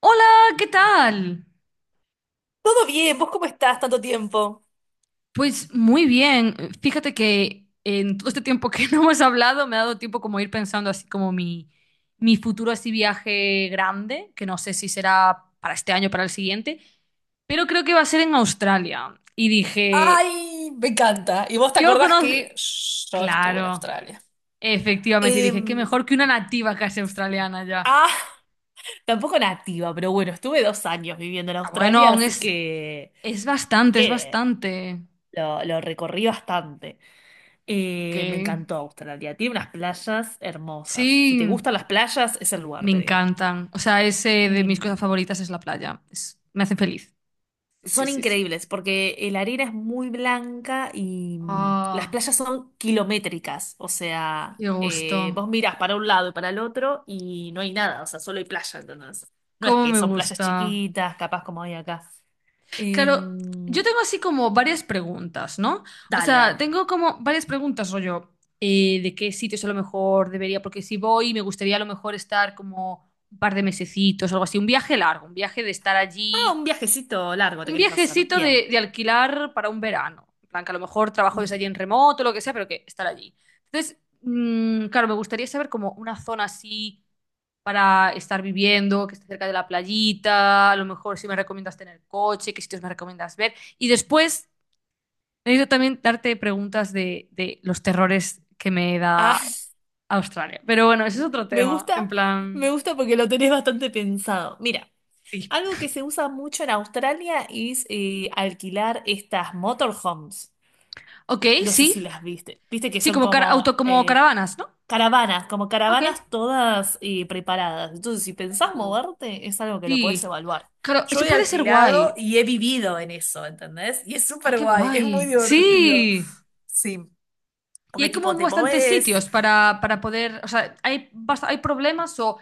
Hola, ¿qué tal? Todo bien, ¿vos cómo estás tanto tiempo? Pues muy bien. Fíjate que en todo este tiempo que no hemos hablado me ha dado tiempo como ir pensando así como mi futuro así viaje grande, que no sé si será para este año o para el siguiente, pero creo que va a ser en Australia. Y dije, Ay, me encanta. ¿Y vos te yo acordás conozco... que yo estuve en Claro, Australia? efectivamente. Y dije, qué Em, mejor que una nativa casi australiana ya. ah, tampoco nativa, pero bueno, estuve 2 años viviendo en Ah, bueno, Australia, aún así que, es así bastante, es que bastante. lo recorrí bastante. Ok. Me encantó Australia, tiene unas playas hermosas. Si te Sí. gustan las playas, es el lugar, Me te digo. encantan. O sea, es de mis cosas Em, favoritas es la playa. Me hace feliz. Sí, sí, Son sí, sí. increíbles porque la arena es muy blanca y las Ah, playas son kilométricas. O sea, qué gusto. vos mirás para un lado y para el otro y no hay nada, o sea, solo hay playa, ¿entendés? No es Cómo que me son playas gusta. chiquitas, capaz como hay acá. Claro, yo Em, tengo así como varias preguntas, ¿no? O dale, sea, dale. tengo como varias preguntas, rollo, de qué sitios a lo mejor debería, porque si voy, me gustaría a lo mejor estar como un par de mesecitos, algo así, un viaje largo, un viaje de estar Ah, allí. un viajecito largo te Un querés hacer. viajecito Bien. de alquilar para un verano. En plan, que a lo mejor trabajo desde Mm. allí en remoto, lo que sea, pero que estar allí. Entonces, claro, me gustaría saber como una zona así para estar viviendo, que esté cerca de la playita, a lo mejor si me recomiendas tener coche, qué sitios me recomiendas ver. Y después, necesito también darte preguntas de los terrores que me Ah, da Australia. Pero bueno, ese es otro me tema. En gusta, me plan, gusta porque lo tenés bastante pensado. Mira, sí. algo que se usa mucho en Australia es alquilar estas motorhomes. Ok, No sé sí. si las viste. Viste que Sí, son como, auto, como como caravanas, ¿no? caravanas, como Ok. caravanas todas preparadas. Entonces, si pensás moverte, es algo que lo podés Sí, evaluar. claro, Yo eso he puede ser alquilado guay. y he vivido en eso, ¿entendés? Y es Ah, súper qué guay, es muy guay. divertido. Sí. Sí, Y porque hay tipo como te bastantes movés. sitios para poder, o sea, hay problemas o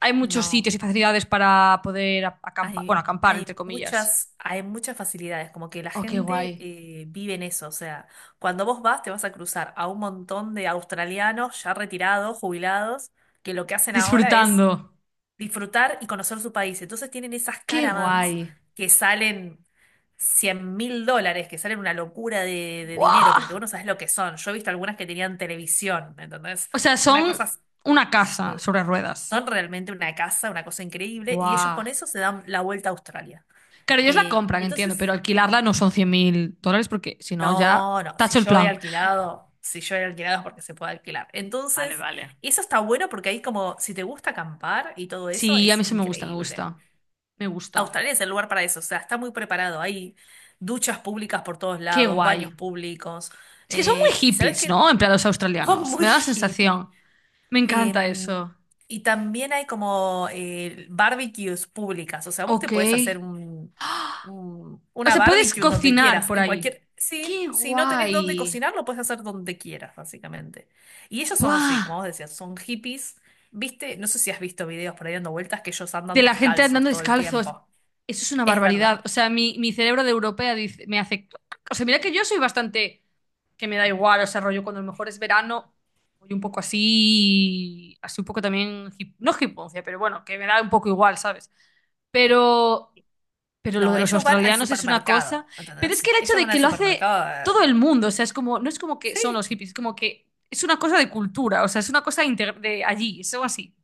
hay muchos No, sitios y facilidades para poder acampar, bueno, hay, acampar, hay entre comillas. muchas, hay muchas facilidades, como que la Oh, qué gente guay. Vive en eso. O sea, cuando vos vas, te vas a cruzar a un montón de australianos ya retirados, jubilados, que lo que hacen ahora es Disfrutando. disfrutar y conocer su país. Entonces tienen esas Qué caravans guay. que salen $100.000, que salen una locura de dinero, ¡Buah! porque vos no sabés lo que son. Yo he visto algunas que tenían televisión, ¿entendés? O sea, Una son cosa, una casa eh, sobre ruedas. son realmente una casa, una cosa increíble, y ellos ¡Buah! con eso se dan la vuelta a Australia. Claro, ellos la Eh, compran, entiendo, pero entonces, alquilarla no son 100.000 dólares porque si no, ya no, no, si tacho el yo he plan. alquilado, si yo he alquilado es porque se puede alquilar. Vale, Entonces, vale. eso está bueno porque ahí como, si te gusta acampar y todo Sí, eso, a mí es eso me gusta, me increíble. gusta. Me gusta. Australia es el lugar para eso, o sea, está muy preparado. Hay duchas públicas por todos Qué lados, guay. baños públicos. Es que son muy Y sabes hippies, que ¿no? En plan, los son australianos. Me muy da la hippies. sensación. Me encanta Em, eso. y también hay como barbecues públicas. O sea, vos te Ok. podés hacer O una sea, puedes barbecue en donde cocinar quieras. por En ahí. cualquier. Sí, Qué si no tenés dónde guay. cocinar, lo puedes hacer donde quieras, básicamente. Y ellos son, sí, ¡Buah! como vos decías, son hippies. ¿Viste? No sé si has visto videos por ahí dando vueltas que ellos andan De la gente descalzos andando todo el descalzos. tiempo. Eso es una Es barbaridad. verdad. O sea, mi cerebro de europea dice, me hace... O sea, mira que yo soy bastante... que me da igual, o sea, rollo cuando a lo mejor es verano, voy un poco así, así un poco también, no hiponcia, pero bueno, que me da un poco igual, ¿sabes? Pero, pero lo de No, los ellos van al australianos es una cosa, supermercado, pero es que ¿entendés? el hecho Ellos de van que al lo hace supermercado. todo el mundo, o sea, es como, no es como que Sí, son los hippies, es como que es una cosa de cultura, o sea, es una cosa de allí, es algo así,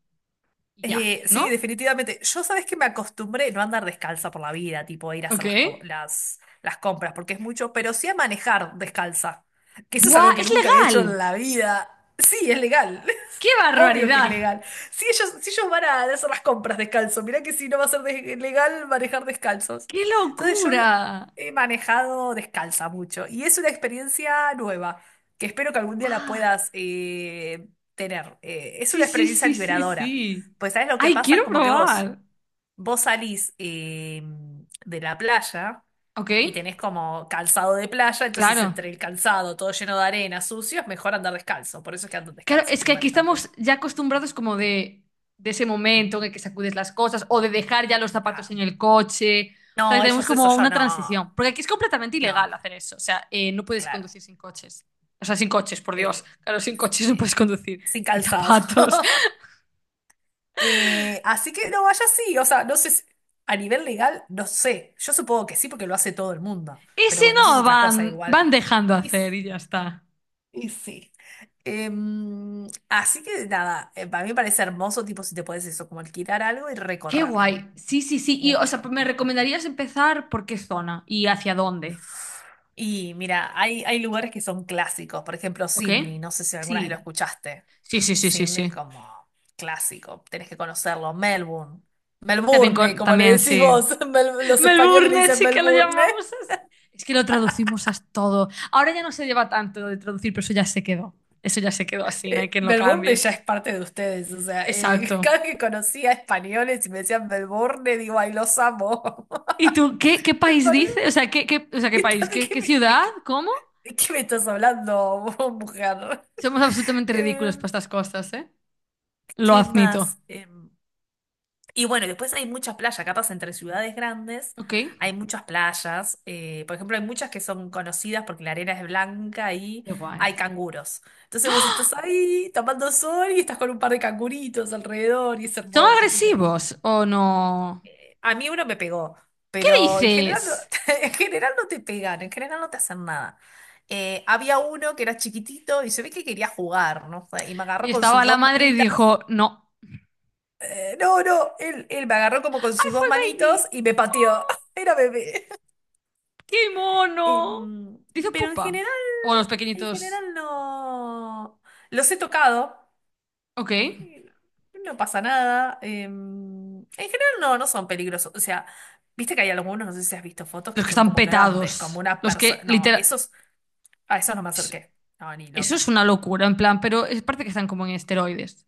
y ya, sí, ¿no? definitivamente. Yo sabes que me acostumbré no a andar descalza por la vida, tipo a ir a Ok. hacer las compras, porque es mucho, pero sí a manejar descalza, que eso es ¡Buah! algo que ¡Es nunca había hecho legal! en la vida. Sí, es legal. ¡Qué Obvio que es barbaridad! legal. Si ellos van a hacer las compras descalzos, mirá que si no va a ser legal manejar descalzos. ¡Qué Entonces yo he locura! he manejado descalza mucho y es una experiencia nueva que espero que algún día la ¡Buah! puedas tener. Es una Sí, sí, experiencia sí, sí, liberadora. sí. Pues sabes lo que ¡Ay, pasa es quiero como que vos, probar! vos salís de la playa Ok, y tenés como calzado de playa, entonces claro. entre el calzado todo lleno de arena, sucio, es mejor andar descalzo. Por eso es que andan Claro, descalzos es y que aquí manejan todo. estamos ya acostumbrados como de ese momento en el que sacudes las cosas o de dejar ya los zapatos Ah, en el coche. O sea, que no, tenemos ellos eso como ya una no, transición. Porque aquí es completamente ilegal no, hacer eso. O sea, no puedes claro, conducir sin coches. O sea, sin coches, por Dios. eh, Claro, sin coches no puedes eh, conducir. sin Sin calzado. zapatos. Así que no, vaya sí, o sea, no sé, a nivel legal, no sé, yo supongo que sí porque lo hace todo el mundo, Ese pero bueno, eso es no otra cosa van, igual. van dejando Y, hacer s- y ya está. y sí. Así que nada, para mí me parece hermoso, tipo, si te puedes eso, como alquilar algo y Qué recorrer guay. Sí, sí, sí. Y, o sea, mucho. ¿me recomendarías empezar por qué zona y hacia dónde? Y mira, hay lugares que son clásicos, por ejemplo, ¿Ok? Sydney, no sé si alguna vez lo Sí. escuchaste. Sí, sí, sí, sí, Sydney es sí. como clásico, tenés que conocerlo. Melbourne, Está bien Melbourne, con- como le también, decís sí. vos, los españoles le Melbourne, dicen sí que lo Melbourne. llamamos así. Es que lo traducimos a todo. Ahora ya no se lleva tanto lo de traducir, pero eso ya se quedó. Eso ya se quedó así, no hay quien lo Melbourne cambie. ya es parte de ustedes, o sea, Exacto. cada vez que conocía españoles y me decían Melbourne, digo, ay, los amo. ¿Y tú qué, qué Me país parece- dices? O sea, ¿qué, qué- o sea, ¿qué ¿qué país? tal- ¿De ¿Qué, qué qué me, de ciudad? qué- ¿Cómo? de qué- me estás hablando, mujer? Somos absolutamente Eh, ridículos para estas cosas, ¿eh? Lo ¿qué admito. más? Y bueno, y después hay muchas playas, capaz entre ciudades grandes Ok. hay muchas playas. Por ejemplo, hay muchas que son conocidas porque la arena es blanca y Qué guay. hay canguros. Entonces vos estás ahí tomando sol y estás con un par de canguritos alrededor y es ¿Son hermoso, es increíble. agresivos o no? A mí uno me pegó, ¿Qué pero en general no, dices? en general no te pegan, en general no te hacen nada. Había uno que era chiquitito y se ve que quería jugar, ¿no? Y me Y agarró con estaba sus la dos madre y manitas dijo, no. No, no, él me agarró como con ¡Ay, sus fue dos el manitos baby! y me pateó. Era bebé. ¡Qué mono! Em, Dice pero pupa. O los en pequeñitos. general no. Los he tocado. Ok. eh, No pasa nada. En general no, no son peligrosos. O sea, viste que hay algunos, no sé si has visto fotos Los que que son están como grandes, como petados. una Los persona. que No, literal. esos, a esos no me Es- acerqué. No, ni eso loca. es una locura, en plan, pero es parte que están como en esteroides.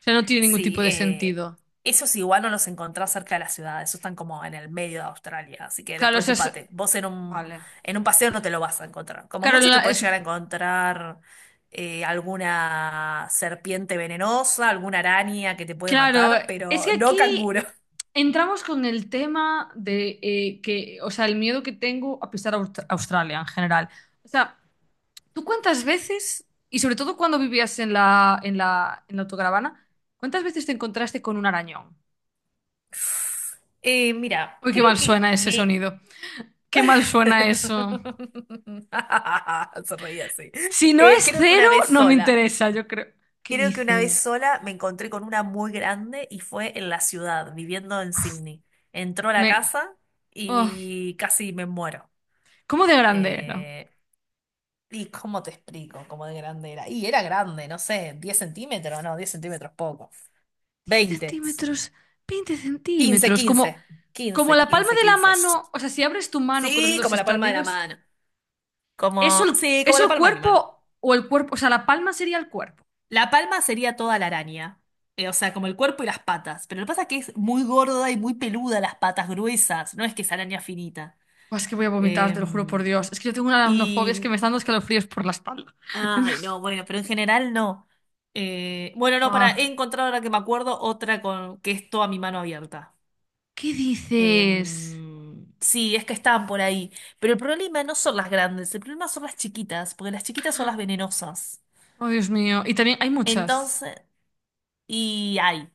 O sea, no tiene ningún Sí, tipo de sentido. esos igual no los encontrás cerca de la ciudad, esos están como en el medio de Australia, así que Claro, eso es. despreocúpate. Vos en un, Vale. en un paseo no te lo vas a encontrar. Como Claro, en mucho te puedes llegar a encontrar alguna serpiente venenosa, alguna araña que te puede claro, matar, es pero que no aquí canguro. entramos con el tema de que, o sea, el miedo que tengo a pisar Australia en general. O sea, ¿tú cuántas veces, y sobre todo cuando vivías en la autocaravana, cuántas veces te encontraste con un arañón? Mira, Uy, qué creo mal que suena ese me... sonido. Qué mal suena eso. Se reía así. Si no Eh, es creo que cero, una vez no me sola. interesa, yo creo. ¿Qué Creo que una vez dices? sola me encontré con una muy grande y fue en la ciudad, viviendo en Sydney. Entró a la Me... casa oh, y casi me muero. ¿cómo de grande era? Eh, ¿y cómo te explico cómo de grande era? Y era grande, no sé, 10 cm, no, 10 cm poco. 10 veinte, centímetros, 20 quince, centímetros, quince, como... Como quince, la palma quince, de la quince. mano, o sea, si abres tu mano con los Sí, dedos como la palma de la extendidos, mano. ¿es Como, el, sí, como es la palma de mi mano. El cuerpo? O sea, la palma sería el cuerpo. La palma sería toda la araña. O sea, como el cuerpo y las patas. Pero lo que pasa es que es muy gorda y muy peluda las patas gruesas. No es que es araña finita. Buah, es que voy a vomitar, te lo juro por Em, Dios. Es que yo tengo una aracnofobia, es que y. me están dando escalofríos por la espalda. Ay, no, bueno, pero en general no. Bueno, no, para. Buah, He encontrado ahora que me acuerdo otra con que es toda mi mano abierta. ¿qué dices? Sí, es que estaban por ahí. Pero el problema no son las grandes, el problema son las chiquitas, porque las chiquitas son las venenosas. Oh, Dios mío. Y también hay muchas. Entonces. Y hay.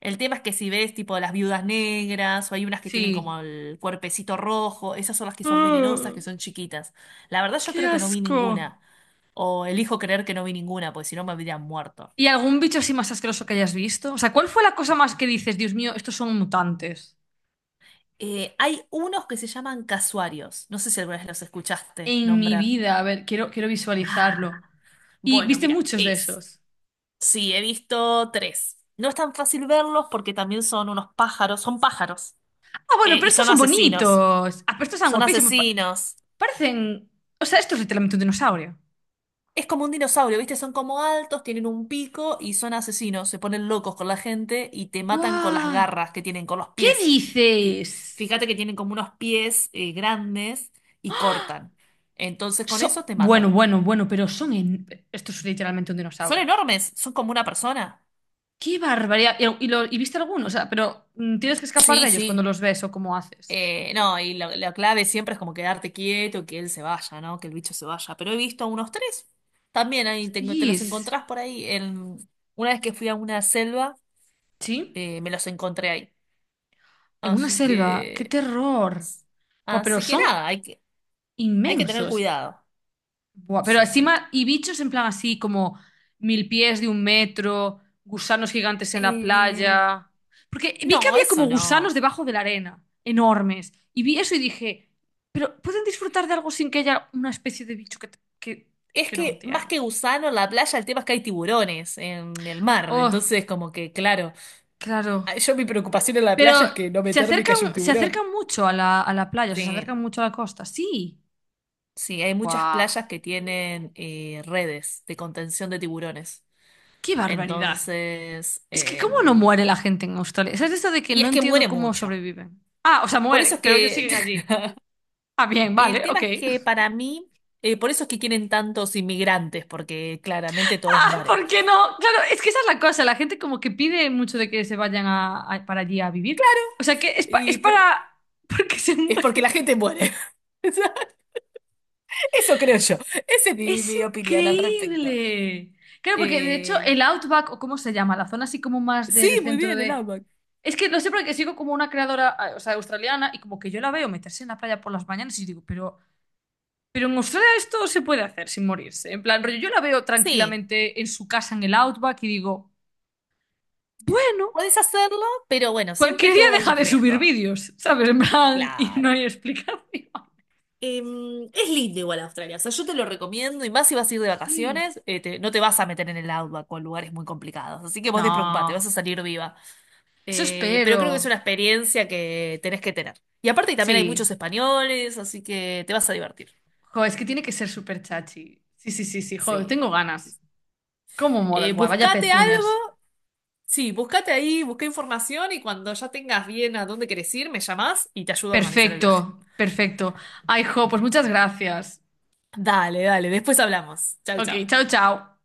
El tema es que si ves tipo las viudas negras o hay unas que tienen como Sí. el cuerpecito rojo, esas son las que son venenosas, Ah, que son chiquitas. La verdad yo ¡qué creo que no vi asco! ninguna. O elijo creer que no vi ninguna, porque si no me habrían muerto. ¿Y algún bicho así más asqueroso que hayas visto? O sea, ¿cuál fue la cosa más que dices, Dios mío, estos son mutantes? Hay unos que se llaman casuarios. No sé si alguna vez los escuchaste En mi nombrar. vida, a ver, quiero visualizarlo. Ah, Y bueno, viste mira, muchos de es. esos. Sí, he visto tres. No es tan fácil verlos porque también son unos pájaros, son pájaros. Ah, bueno, eh, pero y estos son son asesinos. bonitos. Ah, pero estos son Son guapísimos. Asesinos. Parecen. O sea, esto es literalmente un dinosaurio. Es como un dinosaurio, ¿viste? Son como altos, tienen un pico y son asesinos. Se ponen locos con la gente y te matan con las ¡Guau! garras que tienen, con los ¿Qué pies. Fi- dices? Fíjate que tienen como unos pies grandes y cortan. Entonces con eso te Bueno, matan. bueno, bueno, pero son. Esto es literalmente un Son dinosaurio. enormes, son como una persona. ¡Qué barbaridad! Y y viste algunos? O sea, pero tienes que escapar Sí, de ellos cuando sí. los ves o cómo haces. No, y la clave siempre es como quedarte quieto, que él se vaya, ¿no? Que el bicho se vaya. Pero he visto unos tres. También ahí te los Hostias. encontrás por ahí. Una vez que fui a una selva, ¿Sí? Me los encontré ahí. En una Así selva. ¡Qué que, terror! Buah, pero así que son nada, hay que tener inmensos. cuidado. Buah, pero Sí, sí. encima, y bichos en plan así como mil pies de un metro, gusanos gigantes en la Eh, playa. Porque vi que no, había como eso gusanos no. debajo de la arena, enormes. Y vi eso y dije, pero ¿pueden disfrutar de algo sin que haya una especie de bicho es Es que no que más entiendo? que gusano en la playa, el tema es que hay tiburones en el mar. Oh, Entonces, como que, claro, ah, claro. yo mi preocupación en la Pero playa es que no meterme y que haya un se tiburón. acercan mucho a a la playa, o sea, se Sí, acercan mucho a la costa. Sí. sí, hay muchas Guau, playas que tienen redes de contención de tiburones. qué barbaridad. Entonces, Es que ¿cómo no muere la gente en Australia? ¿Sabes eso de que y no es que entiendo muere cómo mucho. sobreviven? Ah, o sea, Por eso mueren, es pero ellos que siguen allí. Ah, bien, el vale, tema ok. es que para mí, por eso es que quieren tantos inmigrantes, porque claramente todos Ah, mueren. ¿por qué no? Claro, es que esa es la cosa. La gente como que pide mucho de que se vayan para allí a vivir. O sea, que es, es Y por- para... Porque se es porque la mueren. gente muere. O sea, eso creo yo. Esa es mi, Es mi opinión al respecto. increíble. Claro, porque de hecho Eh, el Outback, o cómo se llama, la zona así como más sí, del muy centro bien, el de... AMAC. Es que lo sé porque sigo como una creadora, o sea, australiana, y como que yo la veo meterse en la playa por las mañanas y digo, pero en Australia esto se puede hacer sin morirse. En plan, rollo, yo la veo Sí, tranquilamente en su casa en el Outback y digo, bueno, podés hacerlo, pero bueno, siempre cualquier día todo deja hay de subir riesgo. vídeos, ¿sabes? En plan, y no Claro. hay explicación. Es lindo igual Australia, o sea, yo te lo recomiendo y más si vas a ir de Sí. vacaciones, no te vas a meter en el outback o en lugares muy complicados, así que vos despreocupate, No, vas a salir viva. eso Pero creo que es espero. una experiencia que tenés que tener. Y aparte también hay Sí. muchos españoles, así que te vas a divertir. Jo, es que tiene que ser súper chachi. Sí, sí, sí, sí, joder, Sí. tengo ganas. ¿Cómo mola? Eh, Buah, vaya buscate pezuñas. algo, sí, buscate ahí, busca información y cuando ya tengas bien a dónde querés ir, me llamás y te ayudo a organizar el viaje. Perfecto, perfecto. Ay, jo, pues muchas gracias. Dale, dale, después hablamos. Chau, Ok, chau. chao, chao.